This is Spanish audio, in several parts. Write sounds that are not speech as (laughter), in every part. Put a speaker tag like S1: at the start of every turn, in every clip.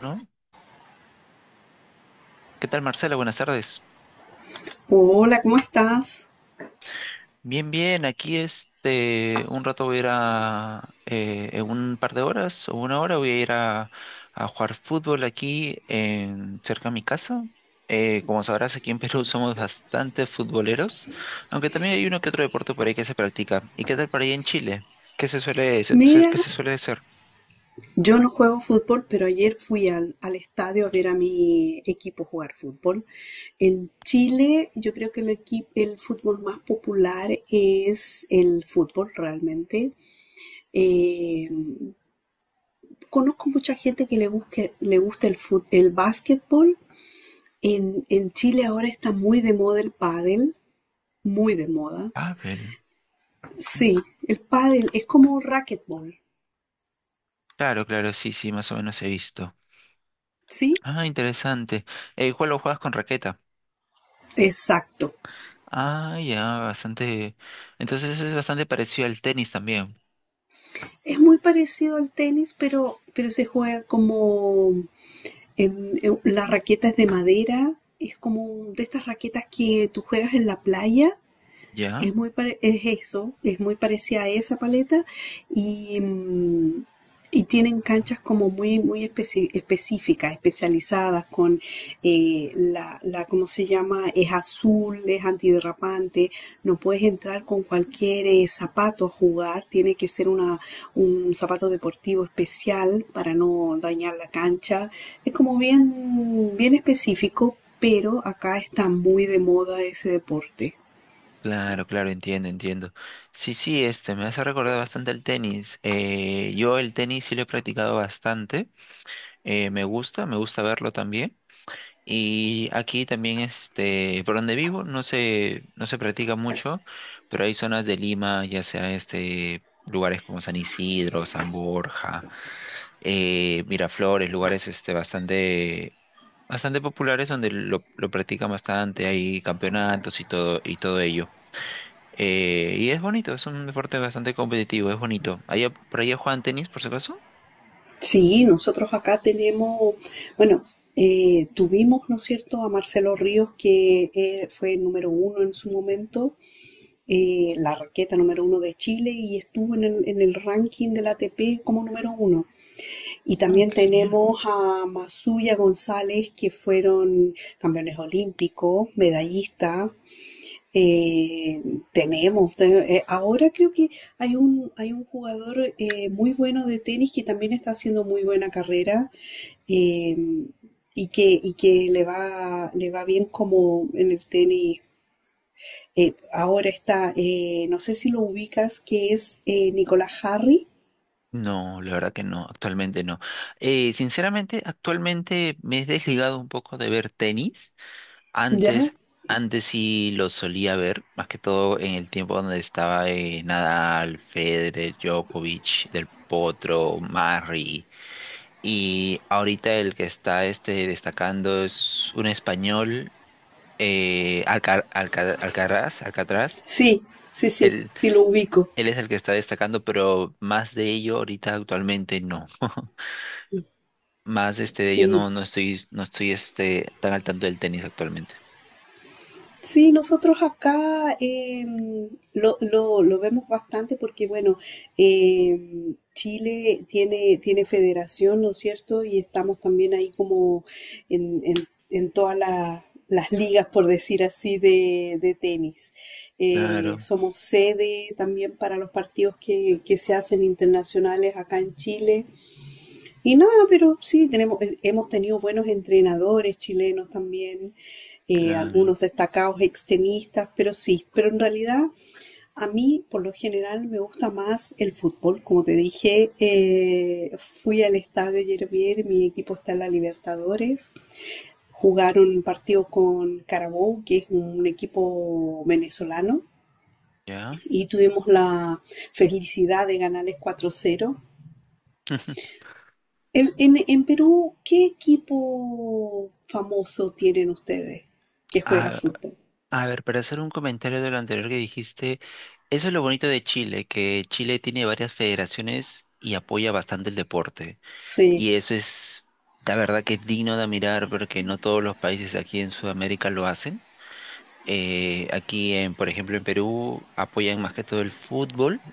S1: ¿No? ¿Qué tal, Marcela? Buenas tardes.
S2: Hola, ¿cómo estás?
S1: Bien, bien, aquí un rato voy a ir a, en un par de horas o una hora voy a ir a jugar fútbol aquí en, cerca de mi casa. Como sabrás, aquí en Perú (laughs) somos bastante futboleros, aunque también hay uno que otro deporte por ahí que se practica. ¿Y qué tal por ahí en Chile? ¿Qué se suele, se- se-
S2: Mira,
S1: qué se suele hacer?
S2: yo no juego fútbol, pero ayer fui al estadio a ver a mi equipo jugar fútbol. En Chile, yo creo que el fútbol más popular es el fútbol realmente. Eh, Conozco mucha gente que le gusta el básquetbol. En Chile ahora está muy de moda el pádel, muy de moda.
S1: Pavel.
S2: Sí,
S1: Mm.
S2: el pádel es como racquetball,
S1: Claro, claro, sí, sí, más o menos he visto.
S2: ¿sí?
S1: Ah, interesante. ¿Cuál lo juegas con raqueta?
S2: Exacto.
S1: Ah, ya, bastante. Entonces eso es bastante parecido al tenis también,
S2: Es muy parecido al tenis, pero se juega como la raqueta es de madera, es como de estas raquetas que tú juegas en la playa,
S1: ¿ya?
S2: es es eso, es muy parecida a esa paleta y, y tienen canchas como muy, específicas, especializadas con ¿cómo se llama? Es azul, es antiderrapante, no puedes entrar con cualquier zapato a jugar, tiene que ser una, un zapato deportivo especial para no dañar la cancha. Es como bien, bien específico, pero acá está muy de moda ese deporte.
S1: Claro, claro, entiendo, entiendo. Sí, sí, me hace recordar bastante el tenis. Yo el tenis sí lo he practicado bastante. Me gusta verlo también. Y aquí también, por donde vivo, no se practica mucho, pero hay zonas de Lima, ya sea lugares como San Isidro, San Borja, Miraflores, lugares bastante bastante populares donde lo practican bastante, hay campeonatos y todo ello. Y es bonito, es un deporte bastante competitivo, es bonito. ¿Allá, por allá juegan tenis, por si acaso?
S2: Sí, nosotros acá tenemos, bueno, tuvimos, ¿no es cierto?, a Marcelo Ríos, que fue el número uno en su momento, la raqueta número uno de Chile y estuvo en el ranking del ATP como número uno. Y
S1: Ah,
S2: también
S1: qué genial.
S2: tenemos a Masuya González, que fueron campeones olímpicos, medallistas, eh, ahora creo que hay un jugador muy bueno de tenis que también está haciendo muy buena carrera, eh, y que le va bien como en el tenis. No sé si lo ubicas, que es Nicolás Harry.
S1: No, la verdad que no, actualmente no. Sinceramente, actualmente me he desligado un poco de ver tenis.
S2: ¿Ya?
S1: Antes, antes sí lo solía ver, más que todo en el tiempo donde estaba Nadal, Federer, Djokovic, Del Potro, Murray. Y ahorita el que está destacando es un español, Alcaraz, Alcatraz.
S2: Sí, sí,
S1: Él,
S2: sí lo ubico.
S1: él es el que está destacando, pero más de ello ahorita actualmente no. (laughs) Más de ello
S2: Sí.
S1: no, no estoy tan al tanto del tenis actualmente.
S2: Sí, nosotros acá lo vemos bastante porque, bueno, Chile tiene federación, ¿no es cierto? Y estamos también ahí como en todas las ligas, por decir así, de tenis.
S1: Claro,
S2: Somos sede también para los partidos que se hacen internacionales acá en Chile. Y nada, pero sí, tenemos, hemos tenido buenos entrenadores chilenos también,
S1: claro,
S2: algunos destacados extremistas, pero sí, pero en realidad a mí por lo general me gusta más el fútbol. Como te dije, fui al estadio ayer bien, mi equipo está en la Libertadores, jugaron un partido con Carabobo que es un equipo venezolano,
S1: ya.
S2: y tuvimos la felicidad de ganarles cuatro cero.
S1: (laughs)
S2: En Perú, ¿qué equipo famoso tienen ustedes que juega
S1: A,
S2: fútbol?
S1: a ver, para hacer un comentario de lo anterior que dijiste, eso es lo bonito de Chile, que Chile tiene varias federaciones y apoya bastante el deporte.
S2: Sí,
S1: Y eso es, la verdad que es digno de mirar porque no todos los países aquí en Sudamérica lo hacen. Aquí, en, por ejemplo, en Perú apoyan más que todo el fútbol,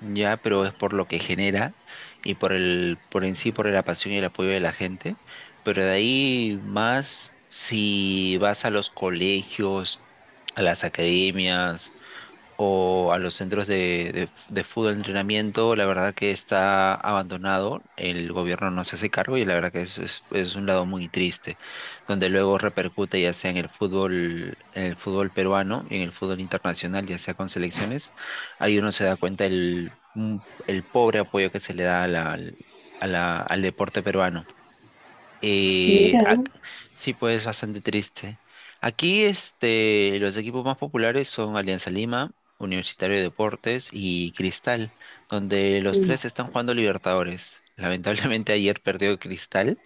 S1: ya, pero es por lo que genera y por en sí, por la pasión y el apoyo de la gente. Pero de ahí más, si vas a los colegios, a las academias o a los centros de fútbol de entrenamiento, la verdad que está abandonado, el gobierno no se hace cargo y la verdad que es un lado muy triste, donde luego repercute ya sea en el fútbol peruano y en el fútbol internacional, ya sea con selecciones, ahí uno se da cuenta el pobre apoyo que se le da al deporte peruano.
S2: mira.
S1: Ah, sí, pues bastante triste. Aquí los equipos más populares son Alianza Lima, Universitario de Deportes y Cristal, donde los
S2: Mm.
S1: tres están jugando Libertadores. (laughs) Lamentablemente ayer perdió Cristal,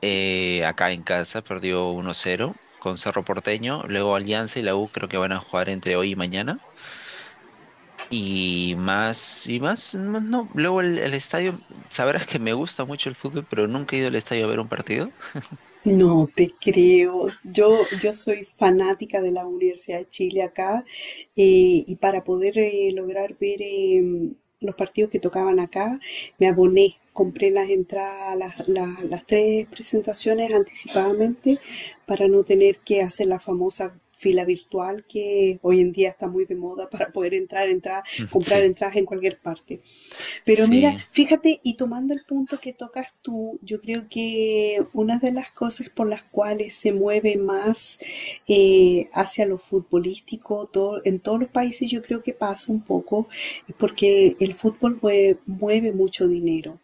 S1: acá en casa perdió 1-0 con Cerro Porteño, luego Alianza y la U creo que van a jugar entre hoy y mañana. Y más, no, no, luego el estadio, sabrás que me gusta mucho el fútbol, pero nunca he ido al estadio a ver un partido.
S2: No te creo. Yo soy fanática de la Universidad de Chile acá, y para poder lograr ver los partidos que tocaban acá, me aboné, compré las entradas, las tres presentaciones anticipadamente para no tener que hacer la famosa fila virtual que hoy en día está muy de moda para poder entrar,
S1: (laughs) Sí.
S2: comprar entradas en cualquier parte. Pero mira,
S1: Sí,
S2: fíjate, y tomando el punto que tocas tú, yo creo que una de las cosas por las cuales se mueve más hacia lo futbolístico, todo, en todos los países yo creo que pasa un poco, es porque el fútbol mueve mucho dinero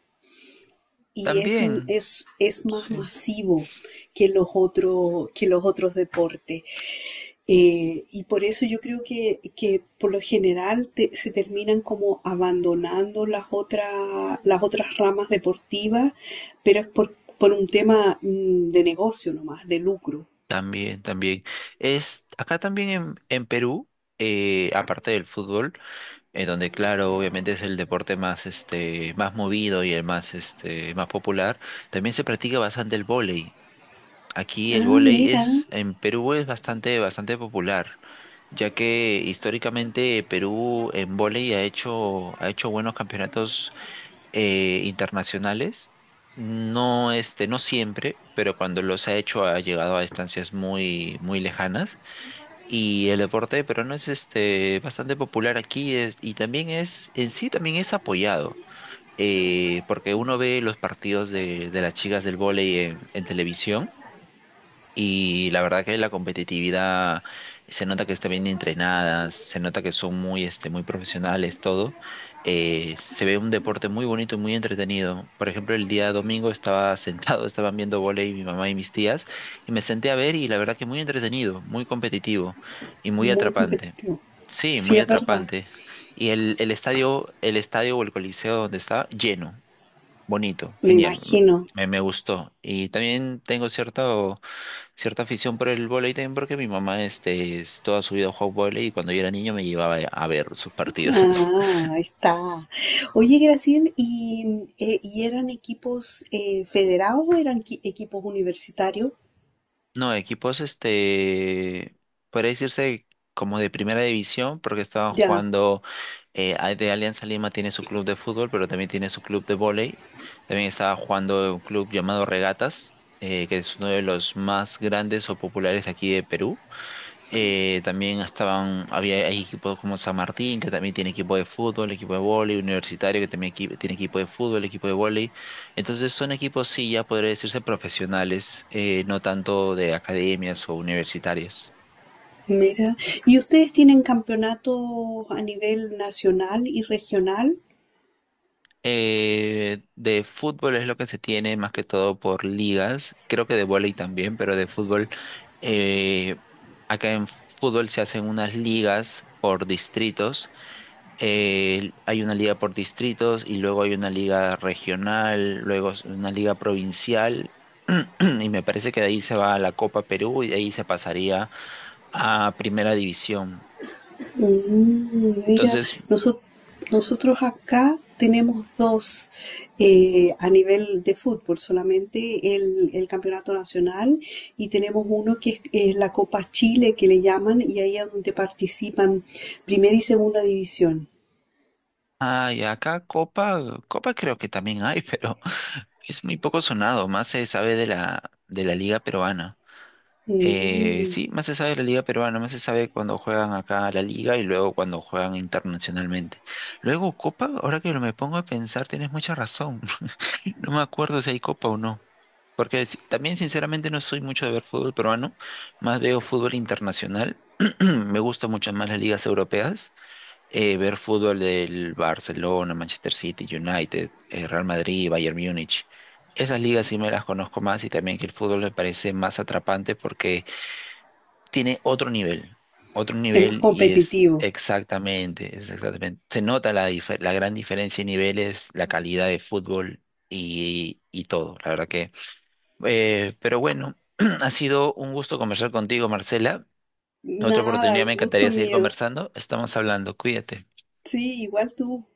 S2: y es un,
S1: también,
S2: es más
S1: sí,
S2: masivo que los otros deportes. Y por eso yo creo que por lo general se terminan como abandonando las otras ramas deportivas, pero es por un tema de negocio nomás, de lucro.
S1: también, también. Es acá también en Perú, aparte del fútbol, donde claro, obviamente es el deporte más más movido y el más más popular, también se practica bastante el vóley. Aquí el
S2: Ah,
S1: vóley
S2: mira,
S1: es, en Perú es bastante, bastante popular, ya que históricamente Perú en vóley ha hecho buenos campeonatos internacionales. No, no siempre, pero cuando los ha hecho ha llegado a distancias muy, muy lejanas. Y el deporte peruano es bastante popular aquí es, y también es, en sí también es apoyado, porque uno ve los partidos de las chicas del vóley en televisión y la verdad que la competitividad se nota que están bien entrenadas, se nota que son muy, muy profesionales, todo. Se ve un deporte muy bonito y muy entretenido. Por ejemplo, el día domingo estaba sentado, (laughs) estaban viendo vóley mi mamá y mis tías, y me senté a ver y la verdad que muy entretenido, muy competitivo y muy
S2: muy
S1: atrapante.
S2: competitivo.
S1: Sí,
S2: Sí,
S1: muy
S2: es verdad,
S1: atrapante. Y el estadio, el estadio o el coliseo donde estaba, lleno, bonito,
S2: me
S1: genial.
S2: imagino.
S1: Me gustó. Y también tengo cierto cierta afición por el vóley también porque mi mamá es toda su vida ha jugado vóley y cuando yo era niño me llevaba a ver sus partidos. (laughs)
S2: Ah, ahí está. Oye, Graciel, ¿y eran equipos federados o eran equipos universitarios?
S1: No, equipos, podría decirse como de primera división porque estaban
S2: Ya,
S1: jugando, de Alianza Lima tiene su club de fútbol, pero también tiene su club de vóley. También estaba jugando un club llamado Regatas, que es uno de los más grandes o populares de aquí de Perú. También estaban, había hay equipos como San Martín, que también tiene equipo de fútbol, equipo de vóley, Universitario, que también tiene equipo de fútbol, equipo de vóley. Entonces son equipos, sí, ya podría decirse profesionales, no tanto de academias o universitarios.
S2: mira, ¿y ustedes tienen campeonatos a nivel nacional y regional?
S1: De fútbol es lo que se tiene más que todo por ligas, creo que de vóley también, pero de fútbol, eh, acá en fútbol se hacen unas ligas por distritos, hay una liga por distritos y luego hay una liga regional, luego es una liga provincial. (clears throat) Y me parece que de ahí se va a la Copa Perú y de ahí se pasaría a Primera División.
S2: Mm, mira,
S1: Entonces,
S2: noso- nosotros acá tenemos dos, a nivel de fútbol, solamente el campeonato nacional, y tenemos uno que es la Copa Chile que le llaman y ahí es donde participan primera y segunda división.
S1: ay, acá Copa creo que también hay, (laughs) pero es muy poco sonado, más se sabe de la Liga Peruana.
S2: Mm,
S1: Sí, más se sabe de la liga peruana, más se sabe cuando juegan acá a la liga y luego cuando juegan internacionalmente. Luego Copa, ahora que me pongo a pensar, tienes mucha razón. (laughs) No me acuerdo si hay Copa o no. Porque también sinceramente no soy mucho de ver fútbol peruano, más veo fútbol internacional. (clears throat) Me gustan mucho más las ligas europeas. Ver fútbol del Barcelona, Manchester City, United, Real Madrid, Bayern Múnich. Esas ligas sí me las conozco más y también que el fútbol me parece más atrapante porque tiene otro
S2: es más
S1: nivel y es
S2: competitivo.
S1: exactamente, es exactamente, se nota la gran diferencia de niveles, la calidad de fútbol y todo, la verdad que. Pero bueno, (clears throat) ha sido un gusto conversar contigo, Marcela. En otra
S2: Nada,
S1: oportunidad
S2: un
S1: me
S2: gusto
S1: encantaría seguir
S2: mío.
S1: conversando. Estamos hablando, cuídate.
S2: Sí, igual tú.